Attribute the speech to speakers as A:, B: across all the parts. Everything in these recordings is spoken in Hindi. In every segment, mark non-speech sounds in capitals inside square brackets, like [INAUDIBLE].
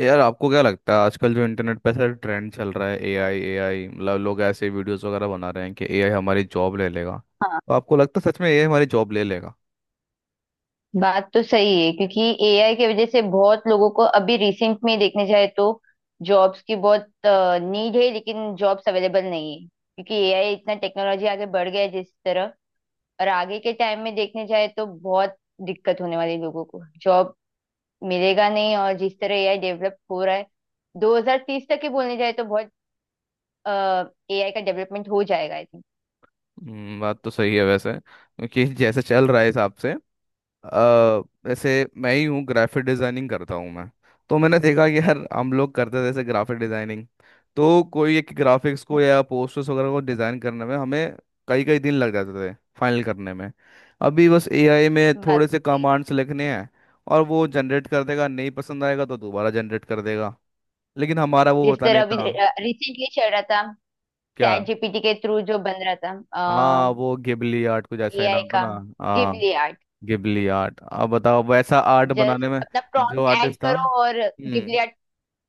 A: यार आपको क्या लगता है आजकल जो इंटरनेट पे ऐसा ट्रेंड चल रहा है, एआई एआई? मतलब लोग ऐसे वीडियोस वगैरह बना रहे हैं कि एआई हमारी जॉब ले लेगा.
B: हाँ।
A: तो आपको लगता है सच में एआई हमारी जॉब ले लेगा?
B: बात तो सही है, क्योंकि एआई की वजह से बहुत लोगों को अभी रिसेंट में देखने जाए तो जॉब्स की बहुत नीड है, लेकिन जॉब्स अवेलेबल नहीं है क्योंकि एआई इतना टेक्नोलॉजी आगे बढ़ गया है। जिस तरह और आगे के टाइम में देखने जाए तो बहुत दिक्कत होने वाली है, लोगों को जॉब मिलेगा नहीं। और जिस तरह एआई डेवलप हो रहा है, 2030 तक ही बोलने जाए तो बहुत एआई का डेवलपमेंट हो जाएगा, आई थिंक।
A: बात तो सही है वैसे क्योंकि [LAUGHS] जैसे चल रहा है हिसाब से. अ, वैसे मैं ही हूँ, ग्राफिक डिज़ाइनिंग करता हूँ मैं. तो मैंने देखा कि यार हम लोग करते थे जैसे ग्राफिक डिज़ाइनिंग, तो कोई एक ग्राफिक्स को या पोस्टर्स वगैरह को डिज़ाइन करने में हमें कई कई दिन लग जाते थे फाइनल करने में. अभी बस एआई में
B: बात
A: थोड़े
B: तो
A: से
B: सही।
A: कमांड्स लिखने हैं और वो जनरेट कर देगा, नहीं पसंद आएगा तो दोबारा जनरेट कर देगा. लेकिन हमारा वो
B: जिस
A: होता नहीं
B: तरह अभी
A: था.
B: रिसेंटली चल रहा था
A: क्या?
B: चैट जीपीटी के थ्रू जो बन रहा था
A: हाँ, वो गिबली आर्ट कुछ ऐसा ही
B: एआई
A: नाम था
B: का,
A: ना. हाँ,
B: गिबली आर्ट।
A: Ghibli art. अब बताओ वैसा आर्ट
B: जस्ट
A: बनाने में,
B: अपना
A: जो
B: प्रॉम्प्ट ऐड
A: आर्टिस्ट था,
B: करो और गिबली
A: हम्म.
B: आर्ट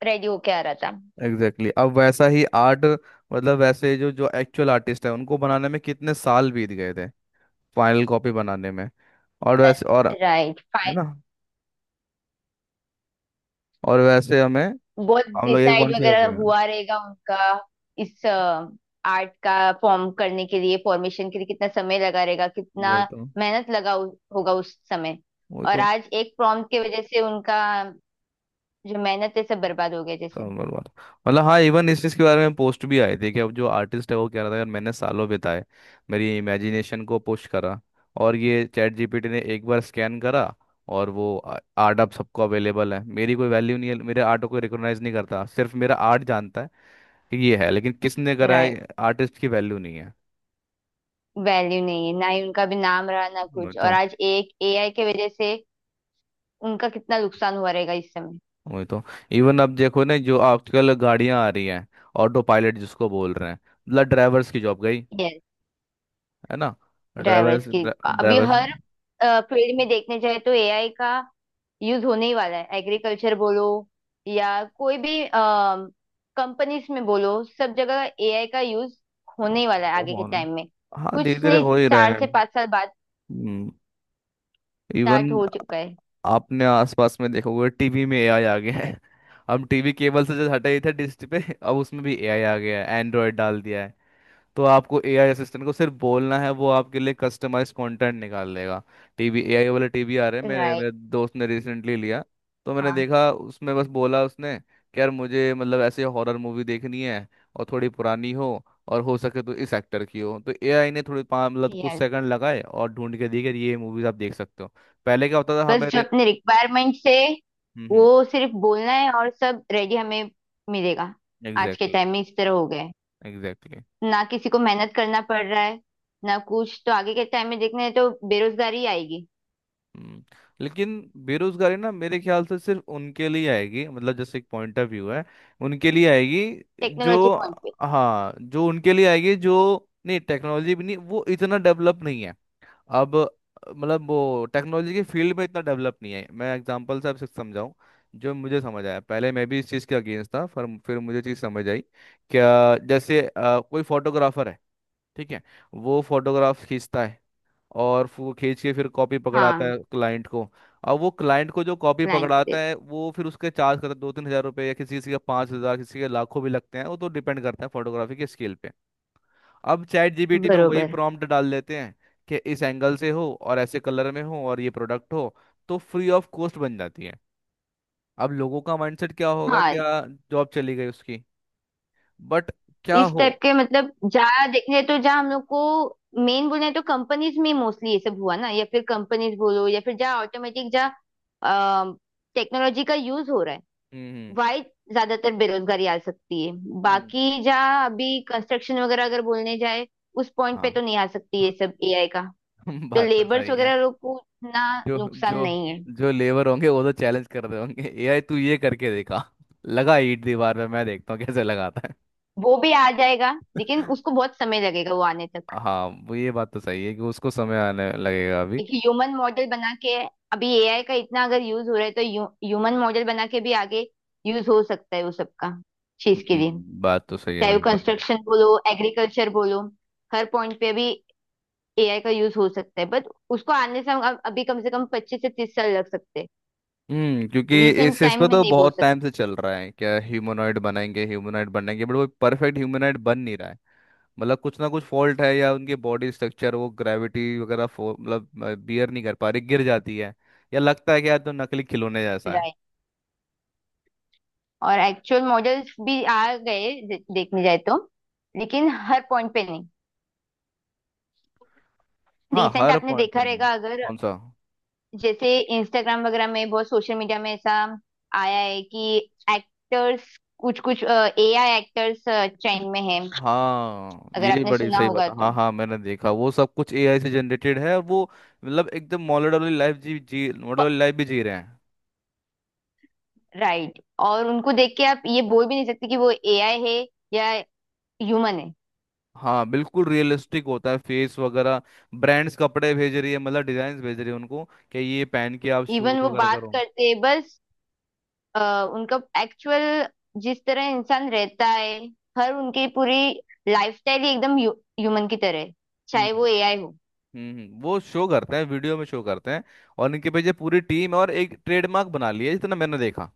B: रेडी होके आ रहा था।
A: Exactly exactly. अब वैसा ही आर्ट मतलब वैसे जो जो एक्चुअल आर्टिस्ट है उनको बनाने में कितने साल बीत गए थे फाइनल कॉपी बनाने में. और वैसे और, है
B: राइट, फाइन।
A: ना? और वैसे हमें,
B: बहुत
A: हम लोग एक
B: डिसाइड
A: बार क्या
B: वगैरह
A: कर गए.
B: हुआ रहेगा उनका। इस आर्ट का फॉर्म करने के लिए, फॉर्मेशन के लिए कितना समय लगा रहेगा, कितना
A: वही तो.
B: मेहनत लगा होगा उस समय।
A: वही
B: और
A: तो.
B: आज एक प्रॉम्प्ट की वजह से उनका जो मेहनत है सब बर्बाद हो गया जैसे।
A: समझ बात, मतलब हाँ, इवन इस चीज़ के बारे में पोस्ट भी आए थे कि अब जो आर्टिस्ट है वो कह रहा था यार मैंने सालों बिताए मेरी इमेजिनेशन को पुश करा, और ये चैट जीपीटी ने एक बार स्कैन करा और वो आर्ट अब सबको अवेलेबल है. मेरी कोई वैल्यू नहीं है, मेरे आर्ट को कोई रिकॉग्नाइज नहीं करता, सिर्फ मेरा आर्ट जानता है कि ये है, लेकिन किसने करा
B: राइट।
A: है आर्टिस्ट की वैल्यू नहीं है.
B: वैल्यू नहीं है, ना ही उनका भी नाम रहा ना
A: वही
B: कुछ, और
A: तो.
B: आज एक एआई के वजह से उनका कितना नुकसान हुआ रहेगा इस समय।
A: वही तो. इवन अब देखो ना, जो आजकल गाड़ियां आ रही हैं ऑटो पायलट जिसको बोल रहे हैं, मतलब ड्राइवर्स की जॉब गई,
B: यस।
A: है ना?
B: ड्राइवर्स
A: ड्राइवर्स
B: की। अभी
A: ड्राइवर्स.
B: हर फील्ड में देखने जाए तो एआई का यूज होने ही वाला है। एग्रीकल्चर बोलो या कोई भी कंपनीज में बोलो, सब जगह एआई का यूज होने ही वाला है आगे के
A: माहौल.
B: टाइम में।
A: हाँ, धीरे
B: कुछ
A: धीरे
B: नहीं,
A: हो ही रहा
B: चार
A: है.
B: से पांच साल बाद
A: हम्म. इवन
B: स्टार्ट हो चुका है।
A: आपने आसपास में देखोगे टीवी में एआई आ गया है. हम टीवी केबल से जो हटे ही थे डिश पे, अब उसमें भी एआई आ गया है, एंड्रॉयड डाल दिया है. तो आपको एआई असिस्टेंट को सिर्फ बोलना है, वो आपके लिए कस्टमाइज कंटेंट निकाल लेगा. टीवी एआई वाले टीवी आ रहे हैं, मेरे
B: राइट।
A: मेरे दोस्त ने रिसेंटली लिया. तो मैंने
B: हाँ।
A: देखा उसमें, बस बोला उसने कि यार मुझे मतलब ऐसे हॉरर मूवी देखनी है, और थोड़ी पुरानी हो, और हो सके तो इस एक्टर की हो. तो एआई ने थोड़ी मतलब कुछ
B: यस।
A: सेकंड लगाए और ढूंढ के दी कि ये मूवीज आप देख सकते हो. पहले क्या होता था,
B: बस
A: हमें
B: जो अपने रिक्वायरमेंट से
A: हम्म.
B: वो सिर्फ बोलना है और सब रेडी हमें मिलेगा। आज के
A: एग्जैक्टली.
B: टाइम में इस तरह हो गया है,
A: एग्जैक्टली.
B: ना किसी को मेहनत करना पड़ रहा है ना कुछ, तो आगे के टाइम में देखना है तो बेरोजगारी आएगी।
A: हम्म, लेकिन बेरोजगारी ना मेरे ख्याल से सिर्फ उनके लिए आएगी, मतलब जैसे एक पॉइंट ऑफ व्यू है उनके लिए आएगी, जो,
B: टेक्नोलॉजी पॉइंट पे।
A: हाँ, जो उनके लिए आएगी जो. नहीं, टेक्नोलॉजी भी नहीं, वो इतना डेवलप नहीं है अब. मतलब वो टेक्नोलॉजी के फील्ड में इतना डेवलप नहीं है. मैं एग्जांपल से आपसे समझाऊं जो मुझे समझ आया. पहले मैं भी इस चीज़ के अगेंस्ट था, पर फिर मुझे चीज़ समझ आई. क्या, जैसे कोई फोटोग्राफर है, ठीक है, वो फोटोग्राफ खींचता है, और फिर वो खींच के फिर कॉपी पकड़ाता
B: हाँ।
A: है क्लाइंट को. अब वो क्लाइंट को जो कॉपी
B: क्लाइंट पे
A: पकड़ाता है वो फिर उसके चार्ज करता है 2-3 हजार रुपये, या किसी किसी का 5 हजार, किसी के लाखों भी लगते हैं, वो तो डिपेंड करता है फोटोग्राफी के स्किल पे. अब चैट जीपीटी में वही
B: बरोबर।
A: प्रॉम्प्ट डाल देते हैं कि इस एंगल से हो और ऐसे कलर में हो और ये प्रोडक्ट हो, तो फ्री ऑफ कॉस्ट बन जाती है. अब लोगों का माइंडसेट क्या होगा
B: हाँ,
A: क्या, जॉब चली गई उसकी. बट क्या
B: इस
A: हो.
B: टाइप के, मतलब जहाँ देखने तो, जहाँ हम लोग को मेन बोलना है तो कंपनीज में मोस्टली ये सब हुआ ना, या फिर कंपनीज बोलो, या फिर जहाँ ऑटोमेटिक, जहाँ टेक्नोलॉजी का यूज हो रहा है,
A: हम्म
B: वाई ज्यादातर बेरोजगारी आ सकती है।
A: हम्म, हम्म,
B: बाकी जहाँ अभी कंस्ट्रक्शन वगैरह अगर बोलने जाए, उस पॉइंट पे
A: हाँ,
B: तो नहीं आ सकती ये सब एआई का।
A: [LAUGHS]
B: तो
A: बात तो
B: लेबर्स
A: सही है.
B: वगैरह लोग को इतना
A: जो
B: नुकसान
A: जो
B: नहीं है।
A: जो लेबर होंगे वो तो चैलेंज कर रहे होंगे एआई तू ये करके देखा, लगा ईंट दीवार में, मैं देखता हूँ कैसे लगाता है.
B: वो भी आ जाएगा, लेकिन उसको बहुत समय लगेगा वो आने तक।
A: हाँ वो ये बात तो सही है कि उसको समय आने लगेगा अभी.
B: एक ह्यूमन मॉडल बना के, अभी एआई का इतना अगर यूज हो रहा है तो ह्यूमन मॉडल बना के भी आगे यूज हो सकता है, वो सबका चीज के लिए।
A: बात तो सही है
B: चाहे वो
A: बिल्कुल भी.
B: कंस्ट्रक्शन बोलो, एग्रीकल्चर बोलो, हर पॉइंट पे अभी एआई का यूज हो सकता है, बट उसको आने से हम अभी कम से कम 25 से 30 साल लग सकते हैं।
A: हम्म, क्योंकि
B: रिसेंट
A: इस पर
B: टाइम में
A: तो
B: नहीं बोल
A: बहुत टाइम
B: सकते।
A: से चल रहा है, क्या ह्यूमनॉइड बनाएंगे ह्यूमनॉइड बनाएंगे, बट वो परफेक्ट ह्यूमनॉइड बन नहीं रहा है. मतलब कुछ ना कुछ फॉल्ट है या उनके बॉडी स्ट्रक्चर वो ग्रेविटी वगैरह मतलब बियर नहीं कर पा रही, गिर जाती है, या लगता है कि यार तो नकली खिलौने जैसा है.
B: राइट। और एक्चुअल मॉडल्स भी आ गए, देखने जाए तो। लेकिन हर पॉइंट पे नहीं।
A: हाँ,
B: रिसेंट
A: हर
B: आपने
A: पॉइंट तो
B: देखा
A: नहीं.
B: रहेगा अगर,
A: कौन सा?
B: जैसे इंस्टाग्राम वगैरह में, बहुत सोशल मीडिया में ऐसा आया है कि एक्टर्स, कुछ कुछ एआई एक्टर्स ट्रेंड में है,
A: हाँ
B: अगर
A: ये
B: आपने
A: बड़ी
B: सुना
A: सही
B: होगा
A: बात है, हाँ
B: तो।
A: हाँ, मैंने देखा वो सब कुछ एआई से जनरेटेड है और वो मतलब एकदम मॉडल वाली लाइफ, जी जी मॉडल वाली लाइफ भी जी रहे हैं.
B: राइट। और उनको देख के आप ये बोल भी नहीं सकते कि वो एआई है या ह्यूमन है।
A: हाँ बिल्कुल रियलिस्टिक होता है फेस वगैरह. ब्रांड्स कपड़े भेज रही है, मतलब डिजाइन भेज रही है उनको कि ये पहन के आप
B: इवन
A: शूट
B: वो
A: वगैरह
B: बात
A: करो.
B: करते हैं बस, उनका एक्चुअल जिस तरह इंसान रहता है, हर उनकी पूरी लाइफस्टाइल ही एकदम ह्यूमन की तरह है, चाहे
A: हम्म
B: वो एआई हो।
A: वो शो करते हैं वीडियो में शो करते हैं, और इनके पीछे पूरी टीम और एक ट्रेडमार्क बना लिया है, जितना मैंने देखा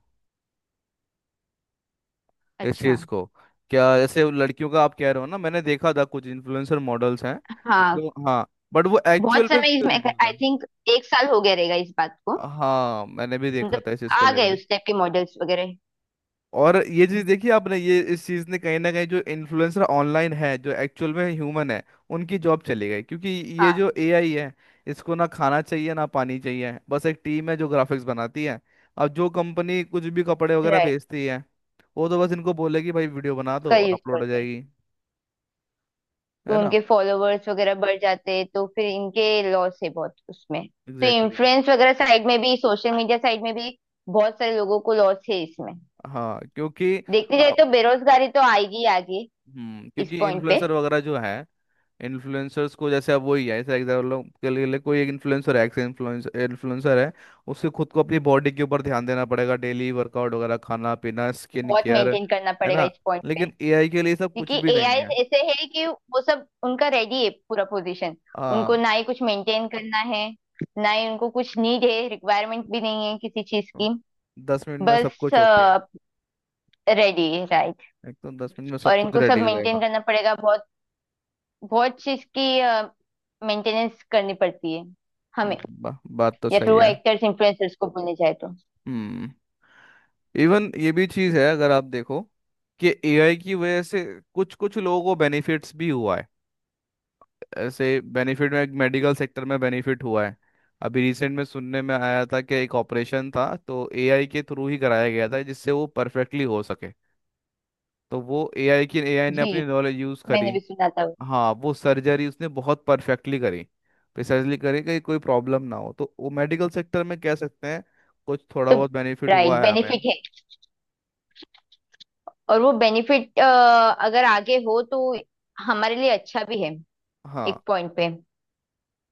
A: इस
B: अच्छा।
A: चीज को. क्या जैसे वो लड़कियों का आप कह रहे हो ना, मैंने देखा था कुछ इन्फ्लुएंसर मॉडल्स हैं
B: हाँ।
A: जो. हाँ, बट वो
B: बहुत
A: एक्चुअल में
B: समय
A: वीडियो
B: इसमें,
A: दिखा
B: आई
A: था.
B: थिंक 1 साल हो गया रहेगा इस बात को,
A: हाँ मैंने भी देखा
B: मतलब
A: था इस चीज को
B: आ
A: लेके.
B: गए उस टाइप के मॉडल्स वगैरह।
A: और ये चीज देखी आपने, ये इस चीज ने कहीं ना कहीं जो इन्फ्लुएंसर ऑनलाइन है जो एक्चुअल में ह्यूमन है उनकी जॉब चली गई, क्योंकि ये
B: हाँ
A: जो
B: जी।
A: एआई है इसको ना खाना चाहिए ना पानी चाहिए, बस एक टीम है जो ग्राफिक्स बनाती है. अब जो कंपनी कुछ भी कपड़े वगैरह
B: राइट।
A: भेजती है वो तो बस इनको बोलेगी भाई वीडियो बना दो
B: उसका
A: और
B: यूज
A: अपलोड हो
B: करते हैं,
A: जाएगी, है
B: तो
A: ना?
B: उनके फॉलोवर्स वगैरह बढ़ जाते हैं, तो फिर इनके लॉस है बहुत उसमें। तो
A: एग्जैक्टली exactly.
B: इन्फ्लुएंस वगैरह साइड में भी, सोशल मीडिया साइड में भी बहुत सारे लोगों को लॉस है इसमें।
A: हाँ, क्योंकि
B: देखने जाए
A: आप,
B: तो बेरोजगारी तो आएगी ही आगे।
A: हम्म,
B: इस
A: क्योंकि
B: पॉइंट पे
A: इन्फ्लुएंसर वगैरह जो है, इन्फ्लुएंसर्स को जैसे अब वही है, जैसे एग्जाम्पल के लिए लिए कोई एक इन्फ्लुएंसर है, एक्स इन्फ्लुएंसर इन्फ्लुएंसर है, उससे खुद को अपनी बॉडी के ऊपर ध्यान देना पड़ेगा, डेली वर्कआउट वगैरह, खाना पीना, स्किन
B: बहुत
A: केयर,
B: मेंटेन करना
A: है
B: पड़ेगा
A: ना?
B: इस पॉइंट पे।
A: लेकिन एआई के लिए सब
B: क्योंकि
A: कुछ भी
B: एआई
A: नहीं है.
B: ऐसे है कि वो सब उनका रेडी है, पूरा पोजीशन। उनको
A: हाँ,
B: ना ही कुछ मेंटेन करना है, ना ही उनको कुछ नीड है, रिक्वायरमेंट भी नहीं है किसी चीज
A: तो
B: की।
A: 10 मिनट में सब
B: बस
A: कुछ ओके.
B: रेडी है। राइट।
A: एकदम 10 मिनट में सब
B: और
A: कुछ
B: इनको सब
A: रेडी हो जाएगा.
B: मेंटेन करना पड़ेगा, बहुत बहुत चीज की मेंटेनेंस करनी पड़ती है
A: हम्म,
B: हमें।
A: बात तो
B: या फिर
A: सही
B: वो
A: है.
B: एक्टर्स इन्फ्लुएंसर्स को बोलने जाए तो।
A: हम्म, इवन ये भी चीज़ है अगर आप देखो कि एआई की वजह से कुछ कुछ लोगों को बेनिफिट्स भी हुआ है. ऐसे बेनिफिट में मेडिकल सेक्टर में बेनिफिट हुआ है. अभी रिसेंट में सुनने में आया था कि एक ऑपरेशन था, तो एआई के थ्रू ही कराया गया था जिससे वो परफेक्टली हो सके. तो वो एआई ने
B: जी।
A: अपनी नॉलेज यूज़ करी.
B: मैंने भी सुना था वो।
A: हाँ वो सर्जरी उसने बहुत परफेक्टली करी, प्रिसाइजली करी कि कोई प्रॉब्लम ना हो. तो वो मेडिकल सेक्टर में कह सकते हैं कुछ थोड़ा
B: तो
A: बहुत बेनिफिट हुआ
B: राइट,
A: है हमें.
B: बेनिफिट है, और वो बेनिफिट अगर आगे हो तो हमारे लिए अच्छा भी है
A: हाँ.
B: एक पॉइंट पे।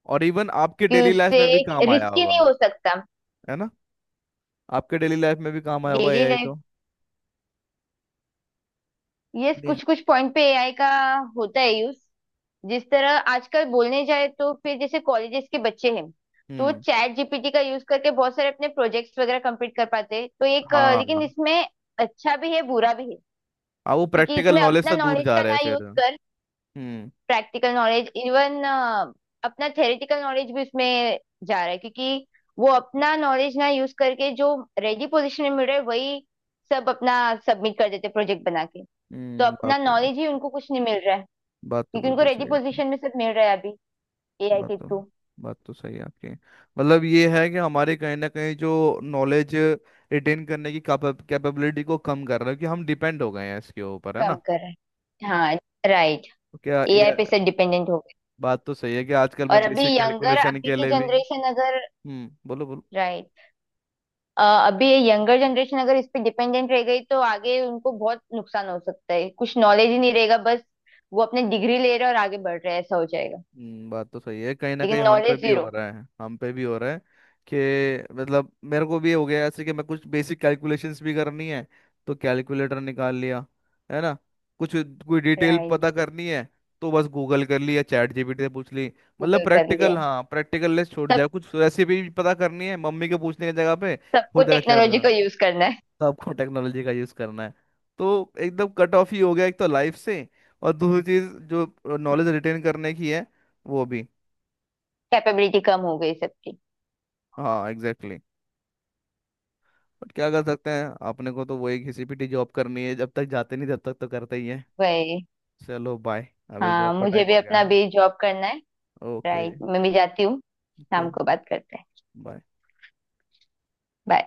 A: और इवन आपके
B: क्योंकि
A: डेली लाइफ
B: उससे
A: में भी काम आया
B: रिस्की
A: होगा,
B: नहीं हो सकता।
A: है ना? आपके डेली लाइफ में भी काम आया होगा
B: डेली
A: एआई
B: लाइफ।
A: तो.
B: यस,
A: नहीं,
B: कुछ कुछ पॉइंट पे एआई का होता है यूज। जिस तरह आजकल बोलने जाए तो, फिर जैसे कॉलेजेस के बच्चे हैं, तो
A: हम्म,
B: चैट जीपीटी का यूज करके बहुत सारे अपने प्रोजेक्ट्स वगैरह कंप्लीट कर पाते हैं, तो एक लेकिन
A: हाँ,
B: इसमें अच्छा भी है बुरा भी है।
A: हाँ वो
B: क्योंकि
A: प्रैक्टिकल
B: इसमें
A: नॉलेज
B: अपना
A: से दूर
B: नॉलेज
A: जा
B: का
A: रहे हैं
B: ना यूज
A: फिर.
B: कर,
A: हम्म.
B: प्रैक्टिकल नॉलेज, इवन अपना थेरेटिकल नॉलेज भी उसमें जा रहा है, क्योंकि वो अपना नॉलेज ना यूज करके, जो रेडी पोजीशन में मिल रहा है वही सब अपना सबमिट कर देते प्रोजेक्ट बना के। तो
A: हम्म. बात
B: अपना
A: तो,
B: नॉलेज ही उनको कुछ नहीं मिल रहा है,
A: बात तो
B: क्योंकि उनको
A: बिल्कुल
B: रेडी
A: सही है आपकी.
B: पोजीशन में सब मिल रहा है अभी एआई
A: बात
B: के
A: तो,
B: थ्रू।
A: बात तो सही है आपकी. मतलब ये है कि हमारे कहीं ना कहीं जो नॉलेज रिटेन करने की कैपेबिलिटी को कम कर रहा है, कि हम डिपेंड हो गए हैं इसके ऊपर, है
B: कम
A: ना?
B: कर रहा है, हाँ। राइट।
A: तो क्या
B: एआई
A: ये
B: पे सब डिपेंडेंट हो गए।
A: बात तो सही है कि आजकल मैं
B: और अभी
A: बेसिक
B: यंगर,
A: कैलकुलेशन
B: अभी
A: के
B: की
A: लिए भी,
B: जनरेशन अगर,
A: हम्म, बोलो बोलो.
B: राइट। अभी ये यंगर जनरेशन अगर इस पे डिपेंडेंट रह गई तो आगे उनको बहुत नुकसान हो सकता है, कुछ नॉलेज ही नहीं रहेगा। बस वो अपने डिग्री ले रहे हैं और आगे बढ़ रहे हैं, ऐसा हो जाएगा।
A: बात तो सही है कहीं ना कहीं
B: लेकिन
A: हम पे
B: नॉलेज
A: भी
B: जीरो।
A: हो रहा है, हम पे भी हो रहा है, कि मतलब मेरे को भी हो गया ऐसे कि मैं कुछ बेसिक कैलकुलेशंस भी करनी है तो कैलकुलेटर निकाल लिया, है ना? कुछ कोई डिटेल
B: राइट।
A: पता करनी है तो बस गूगल कर ली या चैट जीपीटी से पूछ ली. मतलब
B: गूगल कर
A: प्रैक्टिकल,
B: लिया
A: हाँ, प्रैक्टिकल लेस छोड़ जाए,
B: सब,
A: कुछ रेसिपी पता करनी है मम्मी के पूछने की जगह पे हो
B: सबको
A: जाएगा
B: टेक्नोलॉजी
A: चैट.
B: को यूज करना है।
A: तो आपको टेक्नोलॉजी का यूज करना है, तो एकदम कट ऑफ ही हो गया एक तो लाइफ से, और दूसरी चीज जो नॉलेज रिटेन करने की है वो भी.
B: कैपेबिलिटी कम हो गई सबकी।
A: हाँ एग्जैक्टली exactly. बट क्या कर सकते हैं, अपने को तो वही घिसी पिटी जॉब करनी है, जब तक जाते नहीं तब तक तो करते ही है.
B: वही।
A: चलो बाय, अभी जॉब
B: हाँ,
A: का
B: मुझे
A: टाइम
B: भी
A: हो गया.
B: अपना भी जॉब करना है।
A: ओके.
B: राइट, मैं भी जाती हूँ।
A: ओके
B: शाम को बात करते हैं।
A: बाय.
B: Bye।